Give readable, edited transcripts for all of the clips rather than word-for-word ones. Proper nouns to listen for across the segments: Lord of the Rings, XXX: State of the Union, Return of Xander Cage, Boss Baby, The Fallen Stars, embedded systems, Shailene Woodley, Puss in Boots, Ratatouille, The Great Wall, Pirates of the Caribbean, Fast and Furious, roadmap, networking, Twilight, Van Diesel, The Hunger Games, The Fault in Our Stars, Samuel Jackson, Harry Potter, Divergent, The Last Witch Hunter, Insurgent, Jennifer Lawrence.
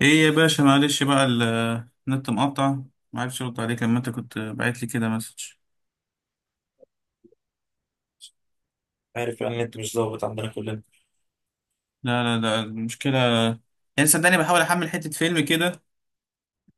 ايه يا باشا، معلش بقى. النت مقطع، ما عرفتش ارد عليك لما انت كنت باعت لي كده مسج. عارف يعني انت مش ظابط عندنا كلنا. لا لا لا، المشكله يعني صدقني بحاول احمل حته فيلم كده.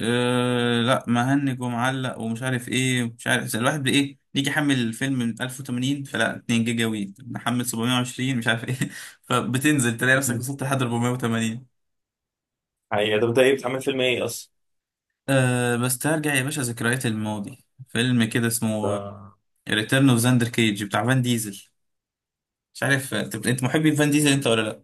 لا، مهنج ومعلق ومش عارف ايه، مش عارف. زي الواحد بايه يجي يحمل الفيلم من 1080، فلا 2 جيجا وي نحمل 720، مش عارف ايه فبتنزل تلاقي نفسك وصلت لحد 480. هي ده بدأ ايه؟ بتعمل فيلم ايه اصلا؟ بس ترجع يا باشا ذكريات الماضي، فيلم كده اسمه ده- ريتيرن اوف زاندر كيج بتاع فان ديزل. مش عارف انت محبي فان ديزل انت ولا لا.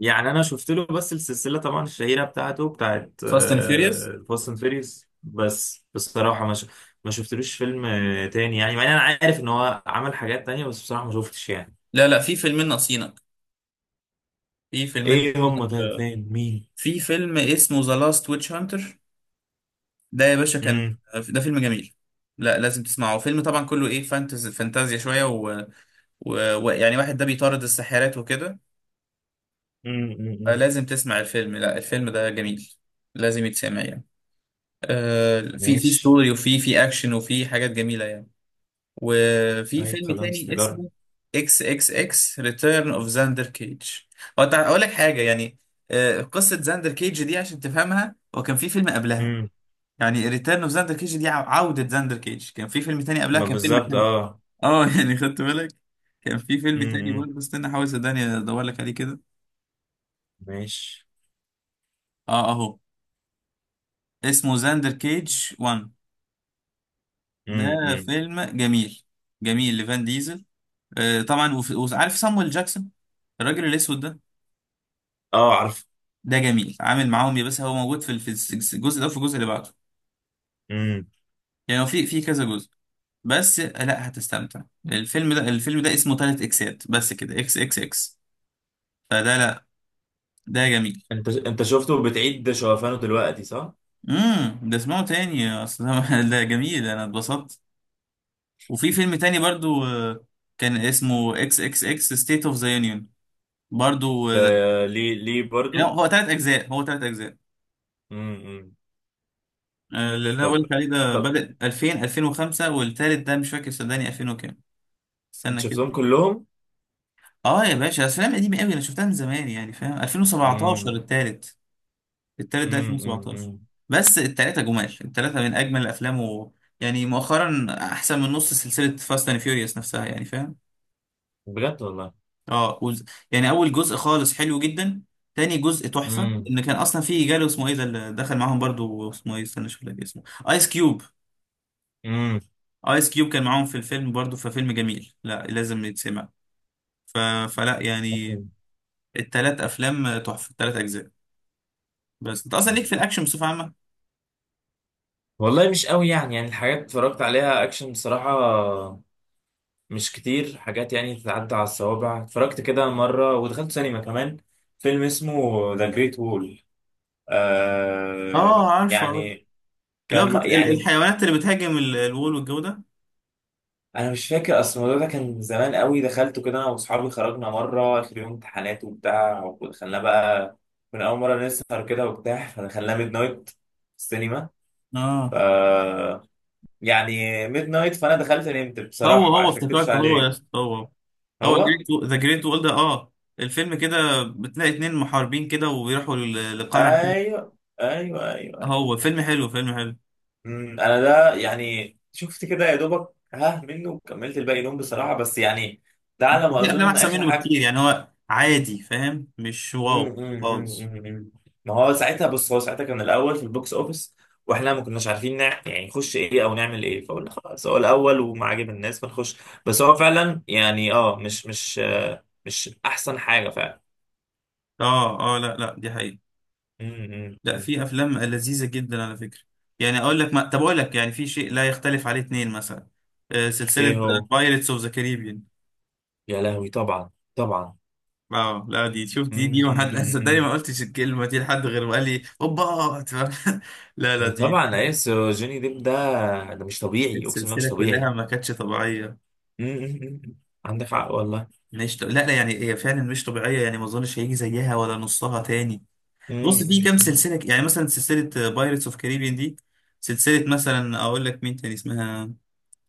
يعني انا شفت له، بس السلسله طبعا الشهيره بتاعته بتاعت فاست اند فيوريوس. فاست اند فيريوس. بس بصراحه ما شفتلوش فيلم تاني، يعني مع ان انا عارف ان هو عمل حاجات تانية، بس بصراحه ما شفتش يعني. لا لا، في فيلمين ناقصينك، في فيلمين ايه هم؟ طيب، ناقصينك. فين؟ مين؟ في فيلم اسمه ذا لاست ويتش هانتر، ده يا باشا كان، امم، ده فيلم جميل. لا، لازم تسمعه، فيلم طبعا كله ايه، فانتازيا شويه ويعني، و... ويعني واحد ده بيطارد الساحرات وكده. امم، امم. لازم تسمع الفيلم، لا الفيلم ده جميل، لازم يتسمع يعني. في في ماشي. ستوري وفي في اكشن، وفي حاجات جميله يعني. وفي طيب فيلم خلاص تاني نجرب. اسمه اكس اكس اكس ريتيرن اوف زاندر كيج. اقول لك حاجه يعني، قصه زاندر كيج دي عشان تفهمها، هو كان في فيلم قبلها. امم. يعني ريتيرن اوف زاندر كيج دي عوده زاندر كيج، كان في فيلم تاني قبلها، ما كان فيلم بالظبط، حلو. اه. اه يعني خدت بالك؟ كان في فيلم تاني امم. برضه، استنى احاول صدقني ادور لك عليه كده. ماشي. اه، اهو، اسمه زاندر كيج 1، ده امم. فيلم جميل، جميل لفان ديزل. طبعا، وعارف صامويل جاكسون الراجل الاسود ده، اه عارف. ده جميل عامل معاهم، يا بس هو موجود في الجزء ده وفي الجزء اللي بعده. امم. يعني هو في كذا جزء. بس لا، هتستمتع، الفيلم ده اسمه تلات اكسات بس كده، اكس اكس اكس. فده لا، ده جميل. انت شفته بتعيد شوفانه دلوقتي، صح؟ ده اسمعه تاني، اصل ده ده جميل، انا اتبسطت. وفي فيلم تاني برضو، كان اسمه اكس اكس اكس ستيت اوف ذا يونيون، برضو. آه، ليه؟ ليه يعني برضو؟ هو تلات اجزاء، هو تلات اجزاء. امم. اللي انا طب قلت عليه ده طب بدأ 2000، 2005، والتالت ده مش فاكر صدقني، 2000 وكام. انت استنى شفتهم كده. كلهم؟ اه يا باشا، افلام قديمه قوي، انا شفتها من زمان يعني فاهم. 2017 امم، التالت، التالت ده 2017. امم. بس التلاته جمال، التلاته من اجمل الافلام. يعني مؤخرا احسن من نص سلسله فاست اند فيوريوس نفسها، يعني فاهم. بجد والله. اه وز... يعني اول جزء خالص حلو جدا، تاني جزء تحفه. امم، ان كان اصلا فيه جاله اسمه ايه ده اللي دخل معاهم برضو، اسمه ايه، استنى اشوف لك اسمه. ايس كيوب. امم. ايس كيوب كان معاهم في الفيلم برضو، ففيلم جميل، لا لازم يتسمع. ف... فلا يعني، التلات افلام تحفه، التلات اجزاء. بس انت اصلا ليك في الاكشن بصفه عامه. والله مش قوي يعني الحاجات اتفرجت عليها اكشن بصراحة. مش كتير حاجات يعني تتعدى على الصوابع. اتفرجت كده مرة، ودخلت سينما كمان فيلم اسمه ذا جريت وول، آه اه، عارفه عارفه. يعني اللي هو كان يعني، الحيوانات اللي بتهاجم الوول والجو ده. انا مش فاكر، اصل الموضوع ده كان من زمان قوي. دخلته كده انا واصحابي، خرجنا مره اخر يوم امتحانات وبتاع، ودخلنا بقى من اول مره نسهر كده وبتاع، فدخلنا ميد نايت السينما. ف اه، يعني ميد نايت، فانا دخلت نمت هو بصراحه هو عشان اكدبش افتكرته، هو يا عليك. اسطى، هو، هو، هو. ذا جريت وول ده، اه. الفيلم كده بتلاقي اتنين محاربين كده، ويروحوا لقلعة كده. ايوه، ايوه، ايوه، ايوه. هو فيلم حلو، فيلم حلو. انا ده يعني شفت كده يا دوبك ها منه، وكملت الباقي نوم بصراحه، بس يعني ده على ما في افلام اظن احسن اخر منه حاجه. بكتير، يعني هو عادي فاهم، مش مم، واو مم، خالص. مم، مم. ما هو ساعتها بص، هو ساعتها كان الاول في البوكس اوفيس، واحنا ما كناش عارفين يعني نخش ايه او نعمل ايه، فقلنا خلاص هو الاول وما عجب الناس فنخش. بس هو فعلا يعني اه، مش مش مش احسن حاجه فعلا. اه اه، لا لا، دي حقيقة. مم، مم، لا، مم. في افلام لذيذه جدا على فكره. يعني اقول لك ما... طب اقول لك، يعني في شيء لا يختلف عليه اتنين، مثلا سلسله ايه هو؟ بايرتس اوف ذا كاريبيان. يا لهوي طبعا، طبعا. اه لا، دي، شوف، مم، دي ما مم، حد مم، صدقني ما مم. قلتش الكلمه دي لحد غير وقال لي اوبا. لا لا، ما دي طبعا ايس جوني ديب ده، ده مش طبيعي، اقسم بالله السلسله مش كلها طبيعي. ما كانتش طبيعيه. مم، مم، مم. عندك حق والله. مش ط... لا لا، يعني هي فعلا مش طبيعيه، يعني ما اظنش هيجي زيها ولا نصها تاني. مم، بص، في مم، كام مم. سلسله يعني مثلا سلسله بايرتس اوف كاريبيان دي. سلسله مثلا اقول لك مين تاني اسمها،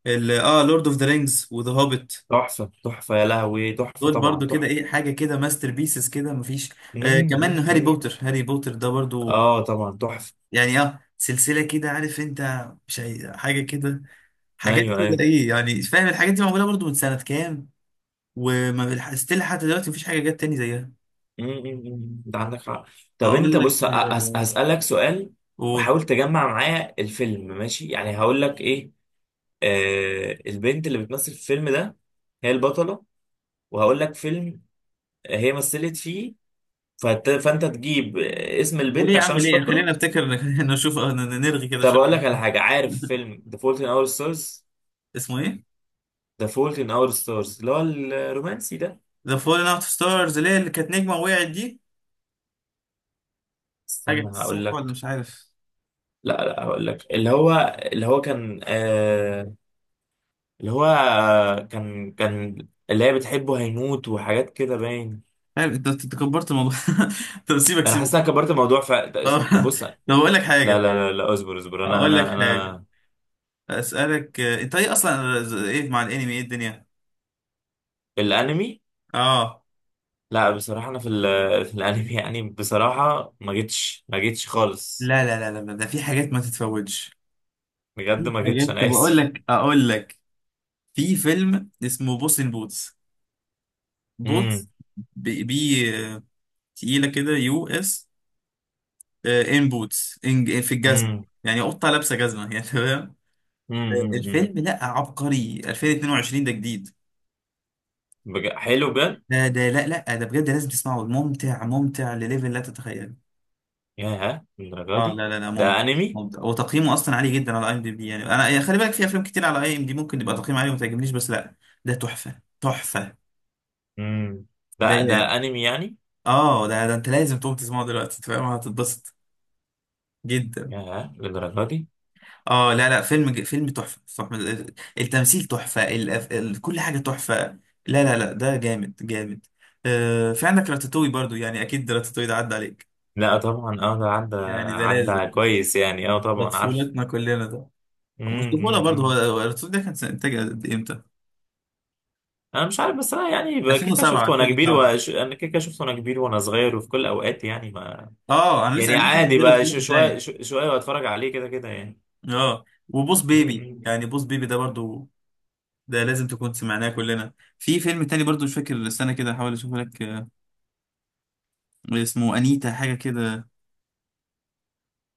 لورد اوف ذا رينجز وذا هوبيت. تحفه تحفه، يا لهوي تحفه، دول طبعا برضو كده تحفه. ايه، حاجه كده ماستر بيسز كده مفيش. مم، مم، كمان هاري مم. بوتر، هاري بوتر ده برضو. اه طبعا تحفه. يعني سلسله كده، عارف انت، مش حاجه كده، حاجات ايوه، كده ايوه. ايه يعني فاهم، الحاجات دي معموله برضو من سنه كام، وما ستيل حتى دلوقتي مفيش حاجه جت تاني زيها. مم، مم، مم. انت عندك حق. طب انت اقول لك، بص، هسألك سؤال، قول. وحاول تجمع معايا الفيلم، ماشي؟ يعني هقول لك ايه. البنت اللي بتمثل في الفيلم ده، هي البطله. وهقول لك فيلم هي مثلت فيه، فانت تجيب اسم وليه البنت يا عشان عم، مش ليه، فاكره. خلينا نفتكر خلينا نشوف، نرغي كده طب شويه. اقول لك على حاجه، عارف فيلم The Fault in Our Stars؟ اسمه ايه؟ The Fault in Our Stars اللي هو الرومانسي ده. ذا فولن اوت ستارز، اللي هي اللي كانت نجمه وقعت دي، حاجه استنى هقول صح ولا لك. مش عارف. لا، لا، هقول لك اللي هو، اللي هو كان. اللي هو كان اللي هي بتحبه هيموت، وحاجات كده باين. عارف، انت كبرت الموضوع. طب سيبك انا سيبك. حاسس إن انا كبرت الموضوع، طب، بص لا. طب اقول لك لا، حاجه، لا، لا، اصبر اصبر، انا اقول لك انا حاجه، انا اسالك، انت ايه اصلا، ايه مع الانمي، ايه الدنيا. الانمي. اه لا بصراحة انا في الانمي يعني بصراحة ما جيتش خالص. لا لا لا لا، ده في حاجات ما تتفوتش، بجد في ما حاجات، جيتش، طب انا اقول اسف. لك، اقول لك في فيلم اسمه بوس ان بوتس، امم، بوتس. بي, بي. آه، تقيله كده، US. ان بوتس، إن في الجزمه، امم، يعني قطه لابسه جزمه يعني تمام. امم، امم، الفيلم لا عبقري، 2022 ده جديد. حلو بجد. ده لا لا، ده بجد لازم تسمعه، ممتع ممتع لليفل، لا تتخيله. ياه، للدرجة اه دي؟ لا لا لا، ممتع، ده انمي؟ ممتع، وتقييمه اصلا عالي جدا على IMDb. يعني انا يعني خلي بالك، في افلام كتير على IMD ممكن يبقى تقييم عالي وما تعجبنيش، بس لا، ده تحفه، تحفه امم. ده ده. انمي يعني؟ اه، ده انت لازم تقوم تسمعه دلوقتي انت فاهم، هتتبسط جدا. ياه للدرجة دي؟ اه لا لا، فيلم فيلم تحفه، تحفة. التمثيل تحفه، كل حاجه تحفه. لا لا لا، ده جامد جامد. في عندك راتاتوي برضو، يعني اكيد راتاتوي ده عدى عليك، لا طبعا اه، ده عدى. يعني ده لازم، عدى كويس يعني، اه ده طبعا عارف. طفولتنا كلنا ده. مش طفوله برضه، هو امم. هو الرسول ده كان سنة انتاج قد إيه؟ امتى؟ انا مش عارف، بس انا يعني بقى كيكه 2007، شفته وانا كبير 2007. انا كيكه شفته وانا كبير وانا صغير وفي كل الاوقات، يعني ما، اه، انا لسه يعني انا لسه عادي صغير بقى، سمعته شويه تاني. شويه، واتفرج عليه كده كده يعني. اه وبوس بيبي، امم. يعني بوس بيبي ده برضه، ده لازم تكون سمعناه كلنا. في فيلم تاني برضه مش فاكر السنه كده، هحاول اشوف لك، اسمه انيتا حاجه كده،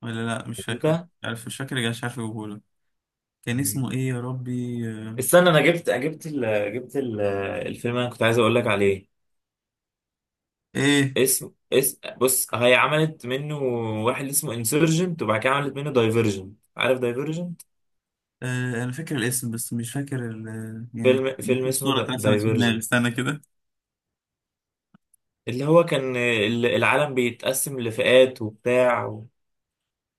ولا لا مش فاكره، انت. عارف مش فاكر، مش عارف اجيبهولك. كان مم. اسمه ايه يا ربي، استنى، انا جبت جبت الفيلم اللي انا كنت عايز اقول لك عليه. ايه. اسم اس بص، هي عملت منه واحد اسمه انسرجنت، وبعد كده عملت منه دايفرجنت. عارف دايفرجنت؟ انا فاكر الاسم بس مش فاكر يعني فيلم فيلم في اسمه صوره اترسمت في دماغي، دايفرجن، استنى كده. اللي هو كان العالم بيتقسم لفئات وبتاع،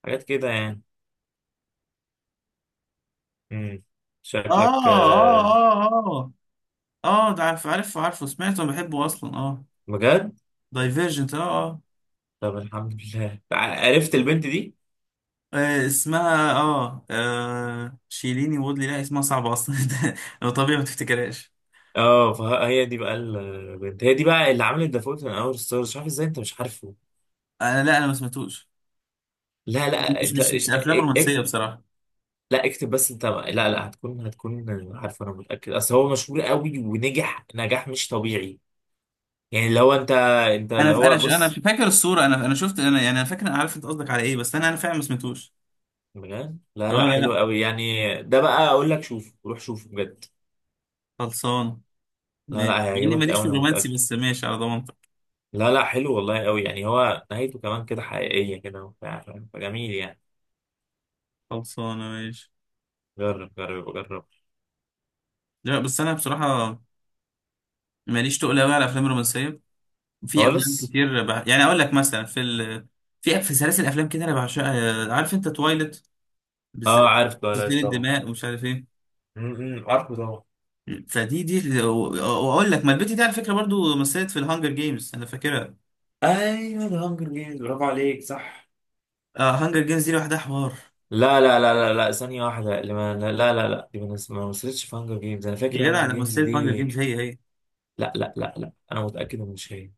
وحاجات كده يعني. امم. اه شكلك. اه اه اه اه، ده عارف، عارفه سمعته، بحبه اصلا اه. بجد؟ دايفيرجنت، اه. اه. طب الحمد لله، عرفت البنت دي. اسمها اه شيليني وودلي، لا اسمها صعبة اصلا ده لو طبيعي ما تفتكرهاش. اه، فهي دي بقى البنت، هي دي بقى اللي عملت دافوت من اول ستارز. مش عارف ازاي انت مش عارفه. انا، لا، انا ما سمعتوش. لا، لا، انت مش افلام رومانسية بصراحة. لا اكتب بس، انت، لا، لا، هتكون عارفه. انا متاكد اصل هو مشهور قوي ونجح نجاح مش طبيعي، يعني اللي هو، انت اللي هو انا بص. فاكر الصورة، انا شفت، انا يعني انا فاكر، انا عارف انت قصدك على ايه، بس انا فعلا ما سمعتوش. بجد لا، اه لا، لا حلو لا، قوي يعني. ده بقى اقول لك، شوف روح شوفه بجد. خلصان، لا، لا، ماشي، مع اني هيعجبك ماليش قوي في انا الرومانسي متأكد. بس ماشي على ضمانتك. لا، لا، حلو والله قوي يعني، هو نهايته كمان كده حقيقية كده وبتاع، فاهم؟ فجميل يعني. خلصانة ماشي. جرب، جرب، جرب. لا بس انا بصراحة ماليش تقل قوي على الافلام الرومانسية. في افلام خالص. كتير يعني اقول لك مثلا في في في سلاسل افلام كده انا بعشقها، عارف انت تويلت اه، بالذات، عارف غسيل تويلايت طبعا. الدماء ومش عارف ايه. م- م، عارفه طبعا. فدي دي و- واقول لك، ما البت دي على فكره برضو مثلت في الهانجر جيمز، انا فاكرها. ايوه، ده هانجر جيمز، برافو عليك، صح. آه هانجر جيمز دي لوحدها حوار. لا، لا، لا، لا، لا، ثانية واحدة، اللي ما، لا، لا، لا، لا، دي ما مثلتش في هانجر جيمز. انا يا فاكر هانجر جدع انا جيمز مثلت هانجر دي. جيمز، هي هي. لا، لا، لا، لا، انا متأكد ان مش هي.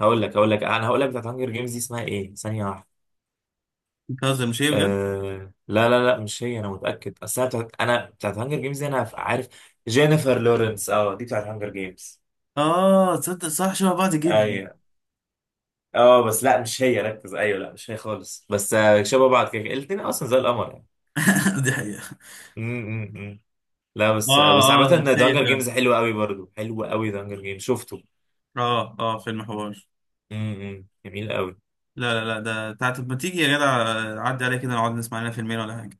هقول لك انا هقول لك بتاعت هانجر جيمز دي اسمها ايه، ثانية واحدة. بتهزر، مش هي بجد؟ آه لا، لا، لا، مش هي انا متاكد. اصل انا بتاعت هانجر جيمز دي انا عارف. جينيفر لورنس، اه دي بتاعت هانجر جيمز. اه تصدق، صح، شبه بعض جدا. ايوه. اه بس لا، مش هي، ركز. ايوه لا، مش هي خالص. بس آه شبه بعض كده، الاثنين اصلا زي القمر يعني. دي حقيقه. م، م، م. لا بس آه، بس عامه، اه اه، هي دانجر جيمز فعلا. حلو قوي برضو، حلو قوي دانجر جيمز شفته. اه اه، فيلم حوار. م، م. جميل قوي. لا لا لا، ده تعالى، طب ما تيجي يا جدع، عدي عليك كده نقعد نسمع لنا فيلمين ولا حاجه.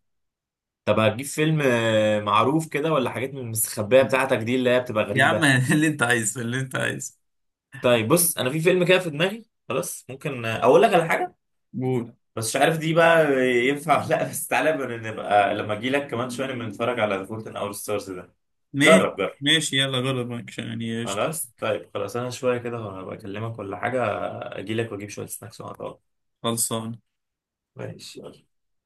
طب هتجيب فيلم معروف كده ولا حاجات من المستخبيه بتاعتك دي، اللي هي بتبقى يا عم غريبه؟ اللي انت عايزه، اللي انت عايزه. طيب بص، انا في فيلم كده في دماغي خلاص، ممكن اقول لك على حاجه، قول. بس مش عارف دي بقى ينفع ولا لا. بس تعالى بقى، نبقى لما اجي لك كمان شويه نبقى نتفرج على فولت ان اور ستارز ده. ماشي جرب، جرب. ماشي، يلا جرب معاك يعني، قشطة، خلاص طيب خلاص، انا شويه كده هبقى اكلمك ولا حاجه، اجي لك واجيب شويه سناكس ونقعد. خلصان. ماشي، يلا.